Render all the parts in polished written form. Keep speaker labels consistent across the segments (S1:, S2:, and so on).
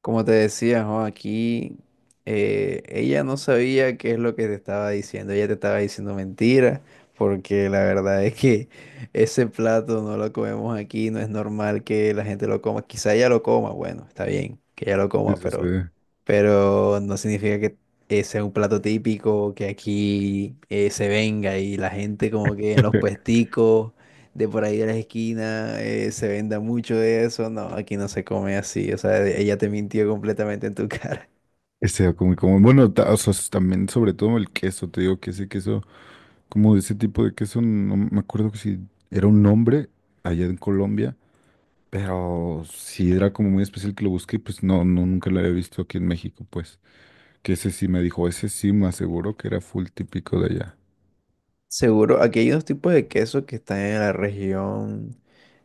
S1: Como te decía, jo, aquí ella no sabía qué es lo que te estaba diciendo. Ella te estaba diciendo mentiras, porque la verdad es que ese plato no lo comemos aquí, no es normal que la gente lo coma. Quizá ella lo coma, bueno, está bien que ella lo
S2: Sí,
S1: coma,
S2: sí, sí.
S1: pero no significa que ese sea un plato típico, que aquí se venga y la gente como que en los puesticos de por ahí de las esquinas, se venda mucho de eso. No, aquí no se come así. O sea, ella te mintió completamente en tu cara.
S2: Este, bueno, también sobre todo el queso, te digo que ese queso, como de ese tipo de queso, no me acuerdo que si era un nombre allá en Colombia, pero sí era como muy especial que lo busqué, y pues no, no, nunca lo había visto aquí en México, pues, que ese sí me dijo, ese sí me aseguró que era full típico de allá,
S1: Seguro, aquí hay unos tipos de queso que están en la región,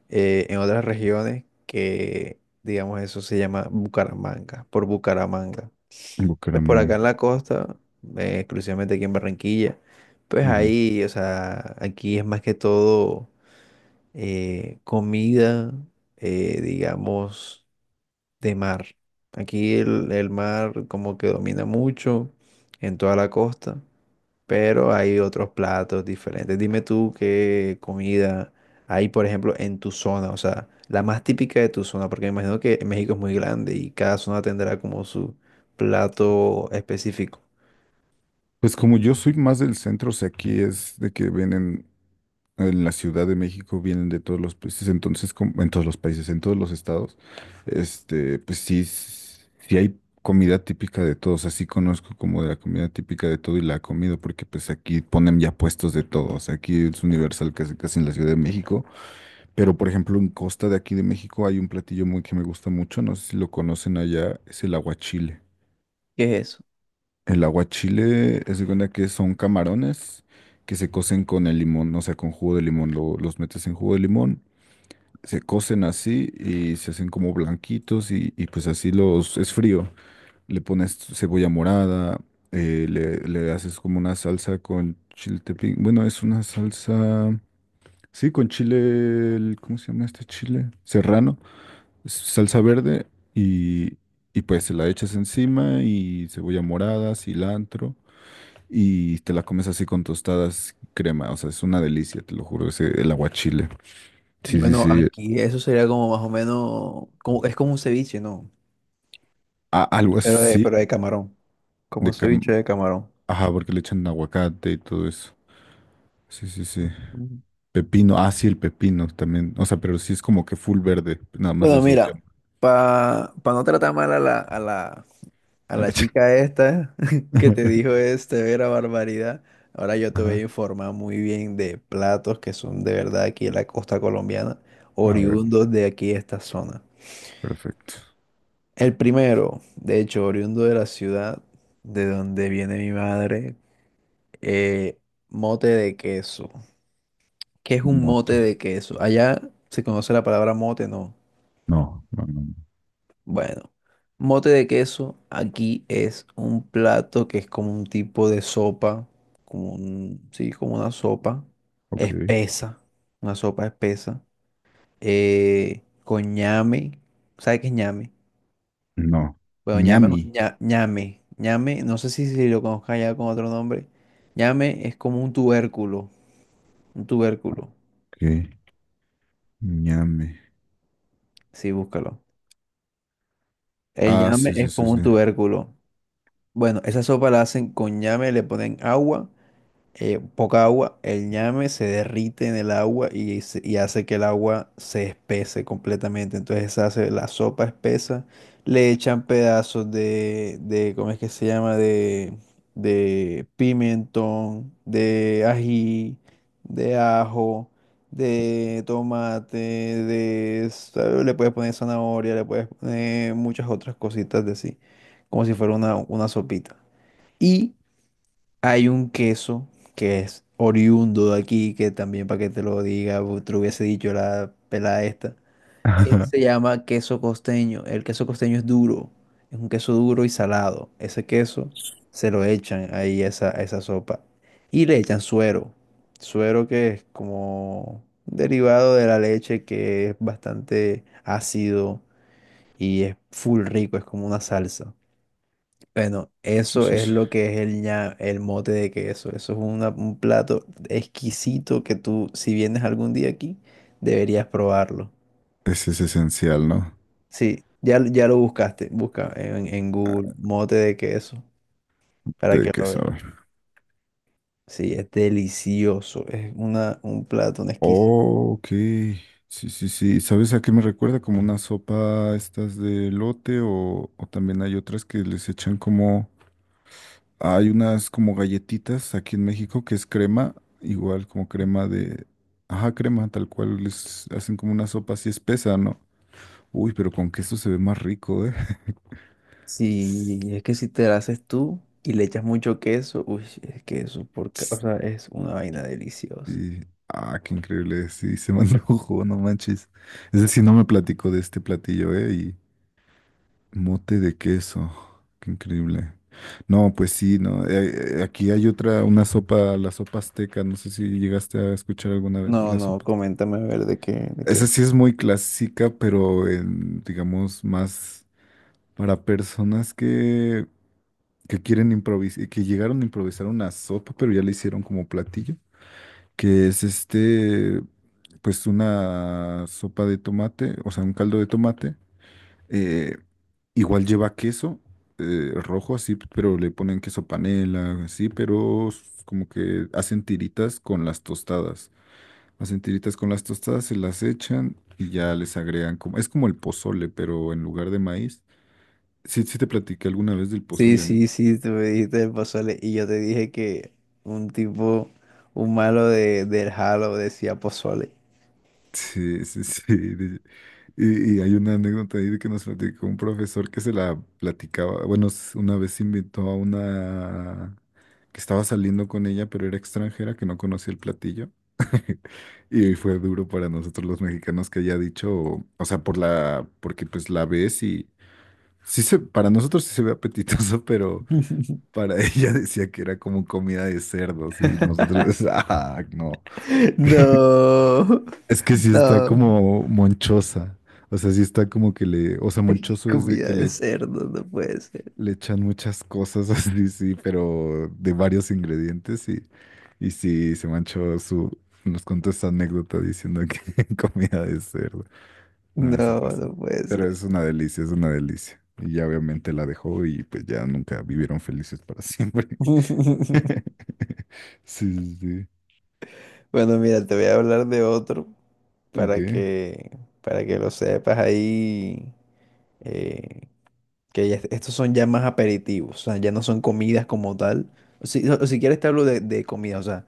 S1: en otras regiones, que digamos eso se llama Bucaramanga, por Bucaramanga.
S2: en
S1: Pues por acá
S2: Bucaramanga.
S1: en la costa, exclusivamente aquí en Barranquilla, pues
S2: Ujú.
S1: ahí, o sea, aquí es más que todo comida, digamos. De mar. Aquí el mar como que domina mucho en toda la costa, pero hay otros platos diferentes. Dime tú qué comida hay, por ejemplo, en tu zona, o sea, la más típica de tu zona, porque me imagino que México es muy grande y cada zona tendrá como su plato específico.
S2: Pues como yo soy más del centro, o sea, aquí es de que vienen en la Ciudad de México, vienen de todos los países, entonces, como, en todos los países, en todos los estados. Este, pues sí, sí hay comida típica de todos, así conozco como de la comida típica de todo y la he comido porque pues aquí ponen ya puestos de todos, aquí es universal casi casi en la Ciudad de México, pero por ejemplo en Costa de aquí de México hay un platillo muy que me gusta mucho, no sé si lo conocen allá, es el aguachile.
S1: ¿Qué es eso?
S2: El aguachile es de cuenta que son camarones que se cocen con el limón, o sea, con jugo de limón, los metes en jugo de limón, se cocen así y se hacen como blanquitos y pues así los, es frío. Le pones cebolla morada, le haces como una salsa con chile tepín. Bueno, es una salsa, sí, con chile, ¿cómo se llama este chile? Serrano, es salsa verde y, y pues se la echas encima y cebolla morada, cilantro y te la comes así con tostadas y crema. O sea, es una delicia, te lo juro, ese, el aguachile. Sí, sí,
S1: Bueno,
S2: sí.
S1: aquí eso sería como más o menos, como, es como un ceviche, ¿no?
S2: Algo así.
S1: Pero de camarón, como un
S2: de
S1: ceviche
S2: cam...
S1: de camarón.
S2: Ajá, porque le echan aguacate y todo eso. Sí, sí, sí.
S1: Ujú.
S2: Pepino, ah, sí, el pepino también. O sea, pero sí es como que full verde, nada más la
S1: Bueno,
S2: cebolla.
S1: mira, para no tratar mal a la, a la, a
S2: A
S1: la
S2: la ch-
S1: chica esta que te dijo este vera barbaridad, ahora yo te voy a
S2: Ajá.
S1: informar muy bien de platos que son de verdad aquí en la costa colombiana,
S2: A ver,
S1: oriundos de aquí esta zona.
S2: perfecto.
S1: El primero, de hecho, oriundo de la ciudad de donde viene mi madre, eh, mote de queso. ¿Qué es un mote
S2: Mote.
S1: de queso? Allá se conoce la palabra mote, ¿no?
S2: No, no, no, no.
S1: Bueno, mote de queso aquí es un plato que es como un tipo de sopa, como un, sí, como
S2: Ok.
S1: espesa, una sopa espesa, con ñame, ¿sabe qué es ñame?
S2: No.
S1: Bueno, ñame,
S2: Ñami.
S1: ñame, ñame, no sé si, si lo conozca ya con otro nombre, ñame es como un tubérculo,
S2: Ok. Ñame.
S1: sí, búscalo. El
S2: Ah,
S1: ñame
S2: sí, sí,
S1: es
S2: sí,
S1: como
S2: sí.
S1: un tubérculo. Bueno, esa sopa la hacen con ñame, le ponen agua. Poca agua, el ñame se derrite en el agua y, y hace que el agua se espese completamente. Entonces se hace la sopa espesa, le echan pedazos de ¿cómo es que se llama? De pimentón, de ají, de ajo, de tomate, de... Le puedes poner zanahoria, le puedes poner muchas otras cositas de sí, como si fuera una sopita. Y hay un queso que es oriundo de aquí, que también para que te lo diga, te lo hubiese dicho la pelada esta, que
S2: Ajá.
S1: se llama queso costeño. El queso costeño es duro, es un queso duro y salado. Ese queso se lo echan ahí a esa sopa. Y le echan suero, suero que es como derivado de la leche que es bastante ácido y es full rico, es como una salsa. Bueno,
S2: Sí,
S1: eso
S2: sí,
S1: es
S2: sí.
S1: lo que es el ña, el mote de queso. Eso es un plato exquisito que tú, si vienes algún día aquí, deberías probarlo.
S2: Ese es esencial, ¿no?
S1: Sí, ya, ya lo buscaste. Busca en Google
S2: Ah,
S1: mote de queso para
S2: tiene
S1: que
S2: que
S1: lo veas.
S2: saber.
S1: Sí, es delicioso. Es una, un plato, un exquisito.
S2: Oh, ok. Sí, sí, sí. ¿Sabes a qué me recuerda? Como una sopa estas de lote o también hay otras que les echan como hay unas como galletitas aquí en México que es crema, igual como crema de... Ajá, crema, tal cual les hacen como una sopa así espesa, ¿no? Uy, pero con queso se ve más rico, ¿eh?
S1: Sí, es que si te lo haces tú y le echas mucho queso, uy, es que eso por, o sea, es una vaina deliciosa.
S2: Sí. Ah, qué increíble. Sí, se me antojó, no manches. Es decir, no me platicó de este platillo, ¿eh? Y mote de queso. Qué increíble. No, pues sí, no. Aquí hay otra, una sopa, la sopa azteca. No sé si llegaste a escuchar alguna vez de
S1: No,
S2: la
S1: no,
S2: sopa.
S1: coméntame a ver de qué, de qué.
S2: Esa sí es muy clásica, pero en, digamos más para personas que, quieren improvisar, que llegaron a improvisar una sopa, pero ya la hicieron como platillo, que es este, pues una sopa de tomate, o sea, un caldo de tomate. eh, Igual lleva queso, rojo así, pero le ponen queso panela, así, pero como que hacen tiritas con las tostadas. Las entiritas con las tostadas se las echan y ya les agregan como, es como el pozole, pero en lugar de maíz. Sí, sí te platiqué alguna vez del
S1: Sí,
S2: pozole, ¿no?
S1: sí, sí, tú me dijiste del pozole y yo te dije que un tipo, un malo de, del Halo decía pozole.
S2: Sí, sí, sí. Y hay una anécdota ahí de que nos platicó un profesor que se la platicaba. Bueno, una vez invitó a una que estaba saliendo con ella, pero era extranjera, que no conocía el platillo. Y fue duro para nosotros los mexicanos que haya dicho, o sea, porque pues la ves y Sí, para nosotros sí se ve apetitoso, pero para ella decía que era como comida de cerdos y nosotros, ah, no.
S1: No,
S2: Es que sí está
S1: no,
S2: como monchosa, o sea, sí está como que le, o sea, monchoso es de
S1: comida
S2: que
S1: de
S2: le,
S1: cerdo, no puede ser.
S2: echan muchas cosas así, sí, pero de varios ingredientes y sí, nos contó esta anécdota diciendo que comida de cerdo. Nada, se
S1: No, no
S2: pasó.
S1: puede
S2: Pero
S1: ser.
S2: es una delicia, es una delicia. Y ya obviamente la dejó y pues ya nunca vivieron felices para siempre. Sí, sí, sí.
S1: Bueno, mira, te voy a hablar de otro
S2: Ok,
S1: para que, para que lo sepas ahí. eh, Estos son ya más aperitivos, o sea, ya no son comidas como tal. O si quieres te hablo de comida, o sea,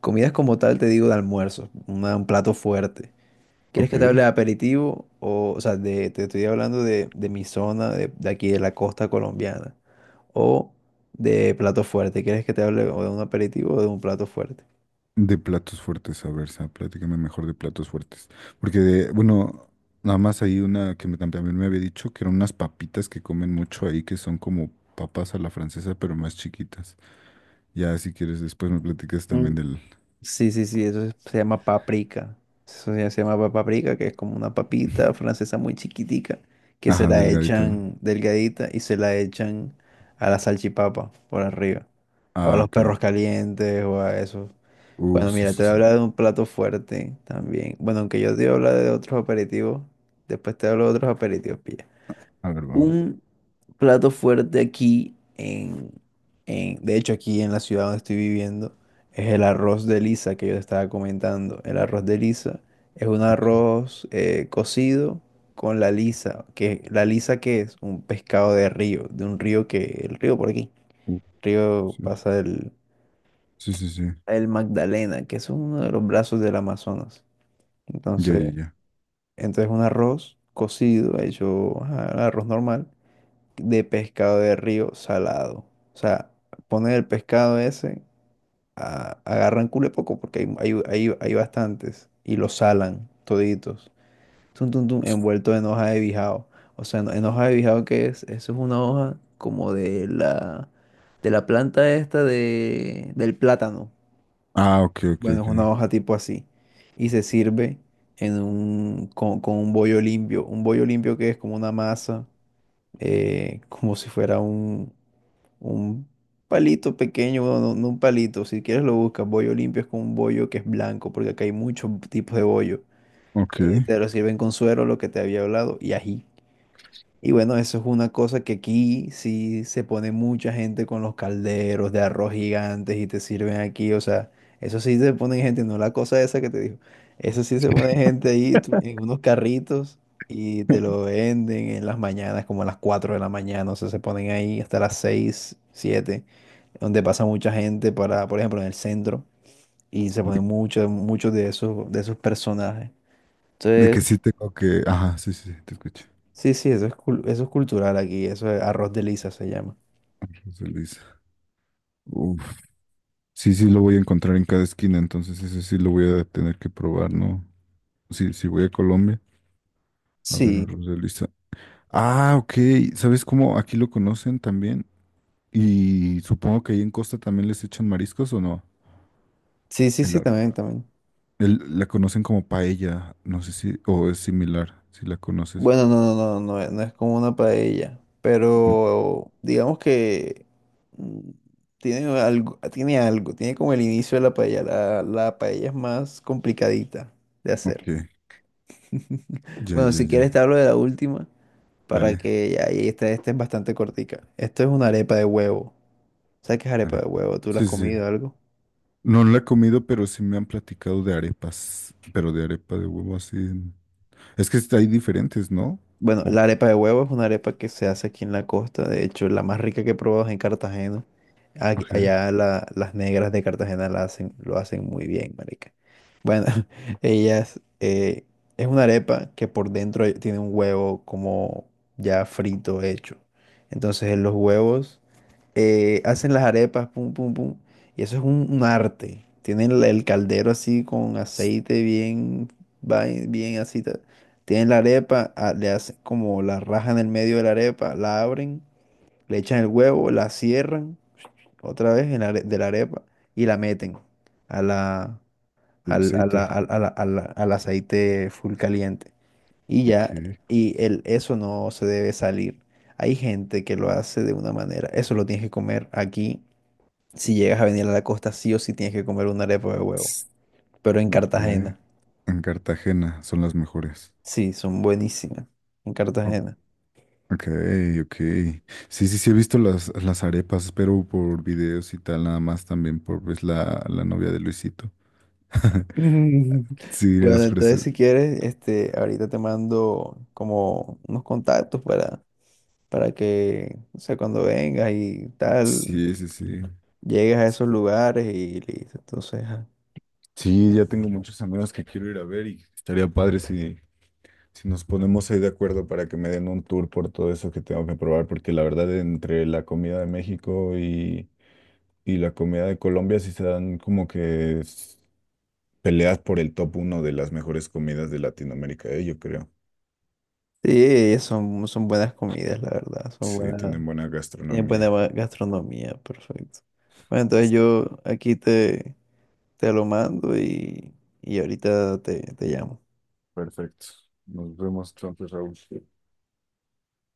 S1: comidas como tal te digo de almuerzo, un plato fuerte. ¿Quieres que te
S2: ok.
S1: hable de aperitivo? O sea, te estoy hablando de mi zona, de aquí de la costa colombiana. O de plato fuerte. ¿Quieres que te hable o de un aperitivo o de un plato fuerte?
S2: De platos fuertes, a ver, Sa, platícame mejor de platos fuertes. Porque, bueno, nada más hay una que me, también me había dicho que eran unas papitas que comen mucho ahí, que son como papas a la francesa, pero más chiquitas. Ya, si quieres, después me platicas también del...
S1: Sí, sí, sí, se llama paprika. Eso ya se llama paprika, que es como una papita francesa muy chiquitica, que se
S2: Ajá,
S1: la
S2: delgadito, ¿no?
S1: echan delgadita y se la echan a la salchipapa por arriba, o a
S2: Ah,
S1: los
S2: ok, ok.
S1: perros calientes, o a eso. Bueno,
S2: Sí,
S1: mira, te
S2: sí,
S1: voy a
S2: sí.
S1: hablar de un plato fuerte también. Bueno, aunque yo te voy a hablar de otros aperitivos, después te hablo de otros aperitivos, pilla.
S2: A ver, va, va.
S1: Un plato fuerte aquí en, de hecho aquí en la ciudad donde estoy viviendo, es el arroz de lisa que yo te estaba comentando. El arroz de lisa es un
S2: Ok.
S1: arroz cocido con la lisa que es un pescado de río, de un río que, el río por aquí,
S2: Uh,
S1: río
S2: Sí,
S1: pasa
S2: sí, sí, sí.
S1: el Magdalena, que es uno de los brazos del Amazonas.
S2: Ya, ya,
S1: Entonces,
S2: ya.
S1: entonces un arroz cocido, hecho ajá, arroz normal de pescado de río salado. O sea, ponen el pescado ese, agarran cule poco porque hay, hay bastantes y lo salan toditos. Tum, tum, tum, envuelto en hoja de bijao. O sea, en hoja de bijao, ¿qué es? Eso es una hoja como de la planta esta de, del plátano.
S2: Ah, ok, ok,
S1: Bueno, es
S2: ok.
S1: una hoja tipo así. Y se sirve en un, con un bollo limpio. Un bollo limpio que es como una masa, como si fuera un palito pequeño, bueno, no, no un palito, si quieres lo buscas, bollo limpio es con un bollo que es blanco, porque acá hay muchos tipos de bollo.
S2: Ok.
S1: Te lo sirven con suero, lo que te había hablado, y ají. Y bueno, eso es una cosa que aquí sí se pone mucha gente con los calderos de arroz gigantes y te sirven aquí, o sea, eso sí se pone gente, no la cosa esa que te dijo, eso sí se pone gente ahí tú, en unos carritos y te lo venden en las mañanas, como a las 4 de la mañana, o sea, se ponen ahí hasta las 6 7 donde pasa mucha gente para, por ejemplo, en el centro, y se
S2: De,
S1: ponen muchos, muchos de esos personajes.
S2: de que
S1: Entonces,
S2: sí tengo que. Ajá, sí, sí, sí, te escucho.
S1: sí, sí, eso es, eso es cultural aquí, eso es arroz de lisa se llama.
S2: José Luis. Uf. Sí, sí, lo voy a encontrar en cada esquina, entonces ese sí lo voy a tener que probar, ¿no? Sí, sí, voy a Colombia. A ver, a
S1: Sí,
S2: José Luis. Ah, ok. ¿Sabes cómo aquí lo conocen también? Y supongo que ahí en Costa también les echan mariscos o no.
S1: sí, sí,
S2: El,
S1: sí,
S2: ar-
S1: también, también.
S2: la conocen como paella, no sé si, o es similar, si la conoces.
S1: Bueno, no, no, no, no, es no es como una paella,
S2: No.
S1: pero digamos que mm, tiene algo, tiene algo, tiene como el inicio de la paella, la paella es más complicadita de hacer.
S2: Ok. Ya,
S1: Bueno,
S2: ya,
S1: si
S2: ya.
S1: quieres te hablo de la última, para
S2: Dale.
S1: que ahí esta, esta es bastante cortica. Esto es una arepa de huevo. ¿Sabes qué es arepa de
S2: Arepa.
S1: huevo? ¿Tú la has
S2: Sí, sí, sí.
S1: comido algo?
S2: No la he comido, pero sí me han platicado de arepas. Pero de arepa de huevo así. Es que hay diferentes, ¿no?
S1: Bueno,
S2: Oh,
S1: la arepa de huevo es una arepa que se hace aquí en la costa. De hecho, la más rica que he probado es en Cartagena.
S2: ok.
S1: Allá las negras de Cartagena la hacen, lo hacen muy bien, marica. Bueno, ellas es una arepa que por dentro tiene un huevo como ya frito hecho. Entonces, los huevos hacen las arepas, pum, pum, pum. Y eso es un arte. Tienen el caldero así con aceite bien, bien así. Tienen la arepa, ah, le hacen como la raja en el medio de la arepa, la abren, le echan el huevo, la cierran otra vez en la are- de la arepa y la meten a la,
S2: El
S1: al,
S2: aceite.
S1: al, al aceite full caliente. Y ya,
S2: Ok.
S1: y el, eso no se debe salir. Hay gente que lo hace de una manera, eso lo tienes que comer aquí si llegas a venir a la costa, sí o sí tienes que comer una arepa de huevo.
S2: Tss.
S1: Pero en
S2: Ok.
S1: Cartagena.
S2: En Cartagena son las mejores.
S1: Sí, son buenísimas. En
S2: O-
S1: Cartagena.
S2: Ok, ok. Sí, sí, sí, he visto las arepas, pero por videos y tal, nada más también por pues, la novia de Luisito.
S1: Mm.
S2: Sí,
S1: Bueno,
S2: las
S1: entonces
S2: presento.
S1: si quieres, este, ahorita te mando como unos contactos para que, o sea, cuando vengas y tal,
S2: Sí, sí, sí.
S1: llegues a esos lugares y listo. Entonces, ajá.
S2: Sí, ya tengo muchos amigos que quiero ir a ver y estaría padre si, si nos ponemos ahí de acuerdo para que me den un tour por todo eso que tengo que probar, porque la verdad entre la comida de México y la comida de Colombia sí se dan como que peleas por el top uno de las mejores comidas de Latinoamérica, yo creo.
S1: Sí, son, son buenas comidas, la verdad. Son
S2: Sí,
S1: buenas,
S2: tienen buena
S1: tienen buena
S2: gastronomía.
S1: gastronomía, perfecto. Bueno, entonces yo aquí te, te lo mando y ahorita te, te llamo.
S2: Perfecto. Nos vemos entonces, Raúl.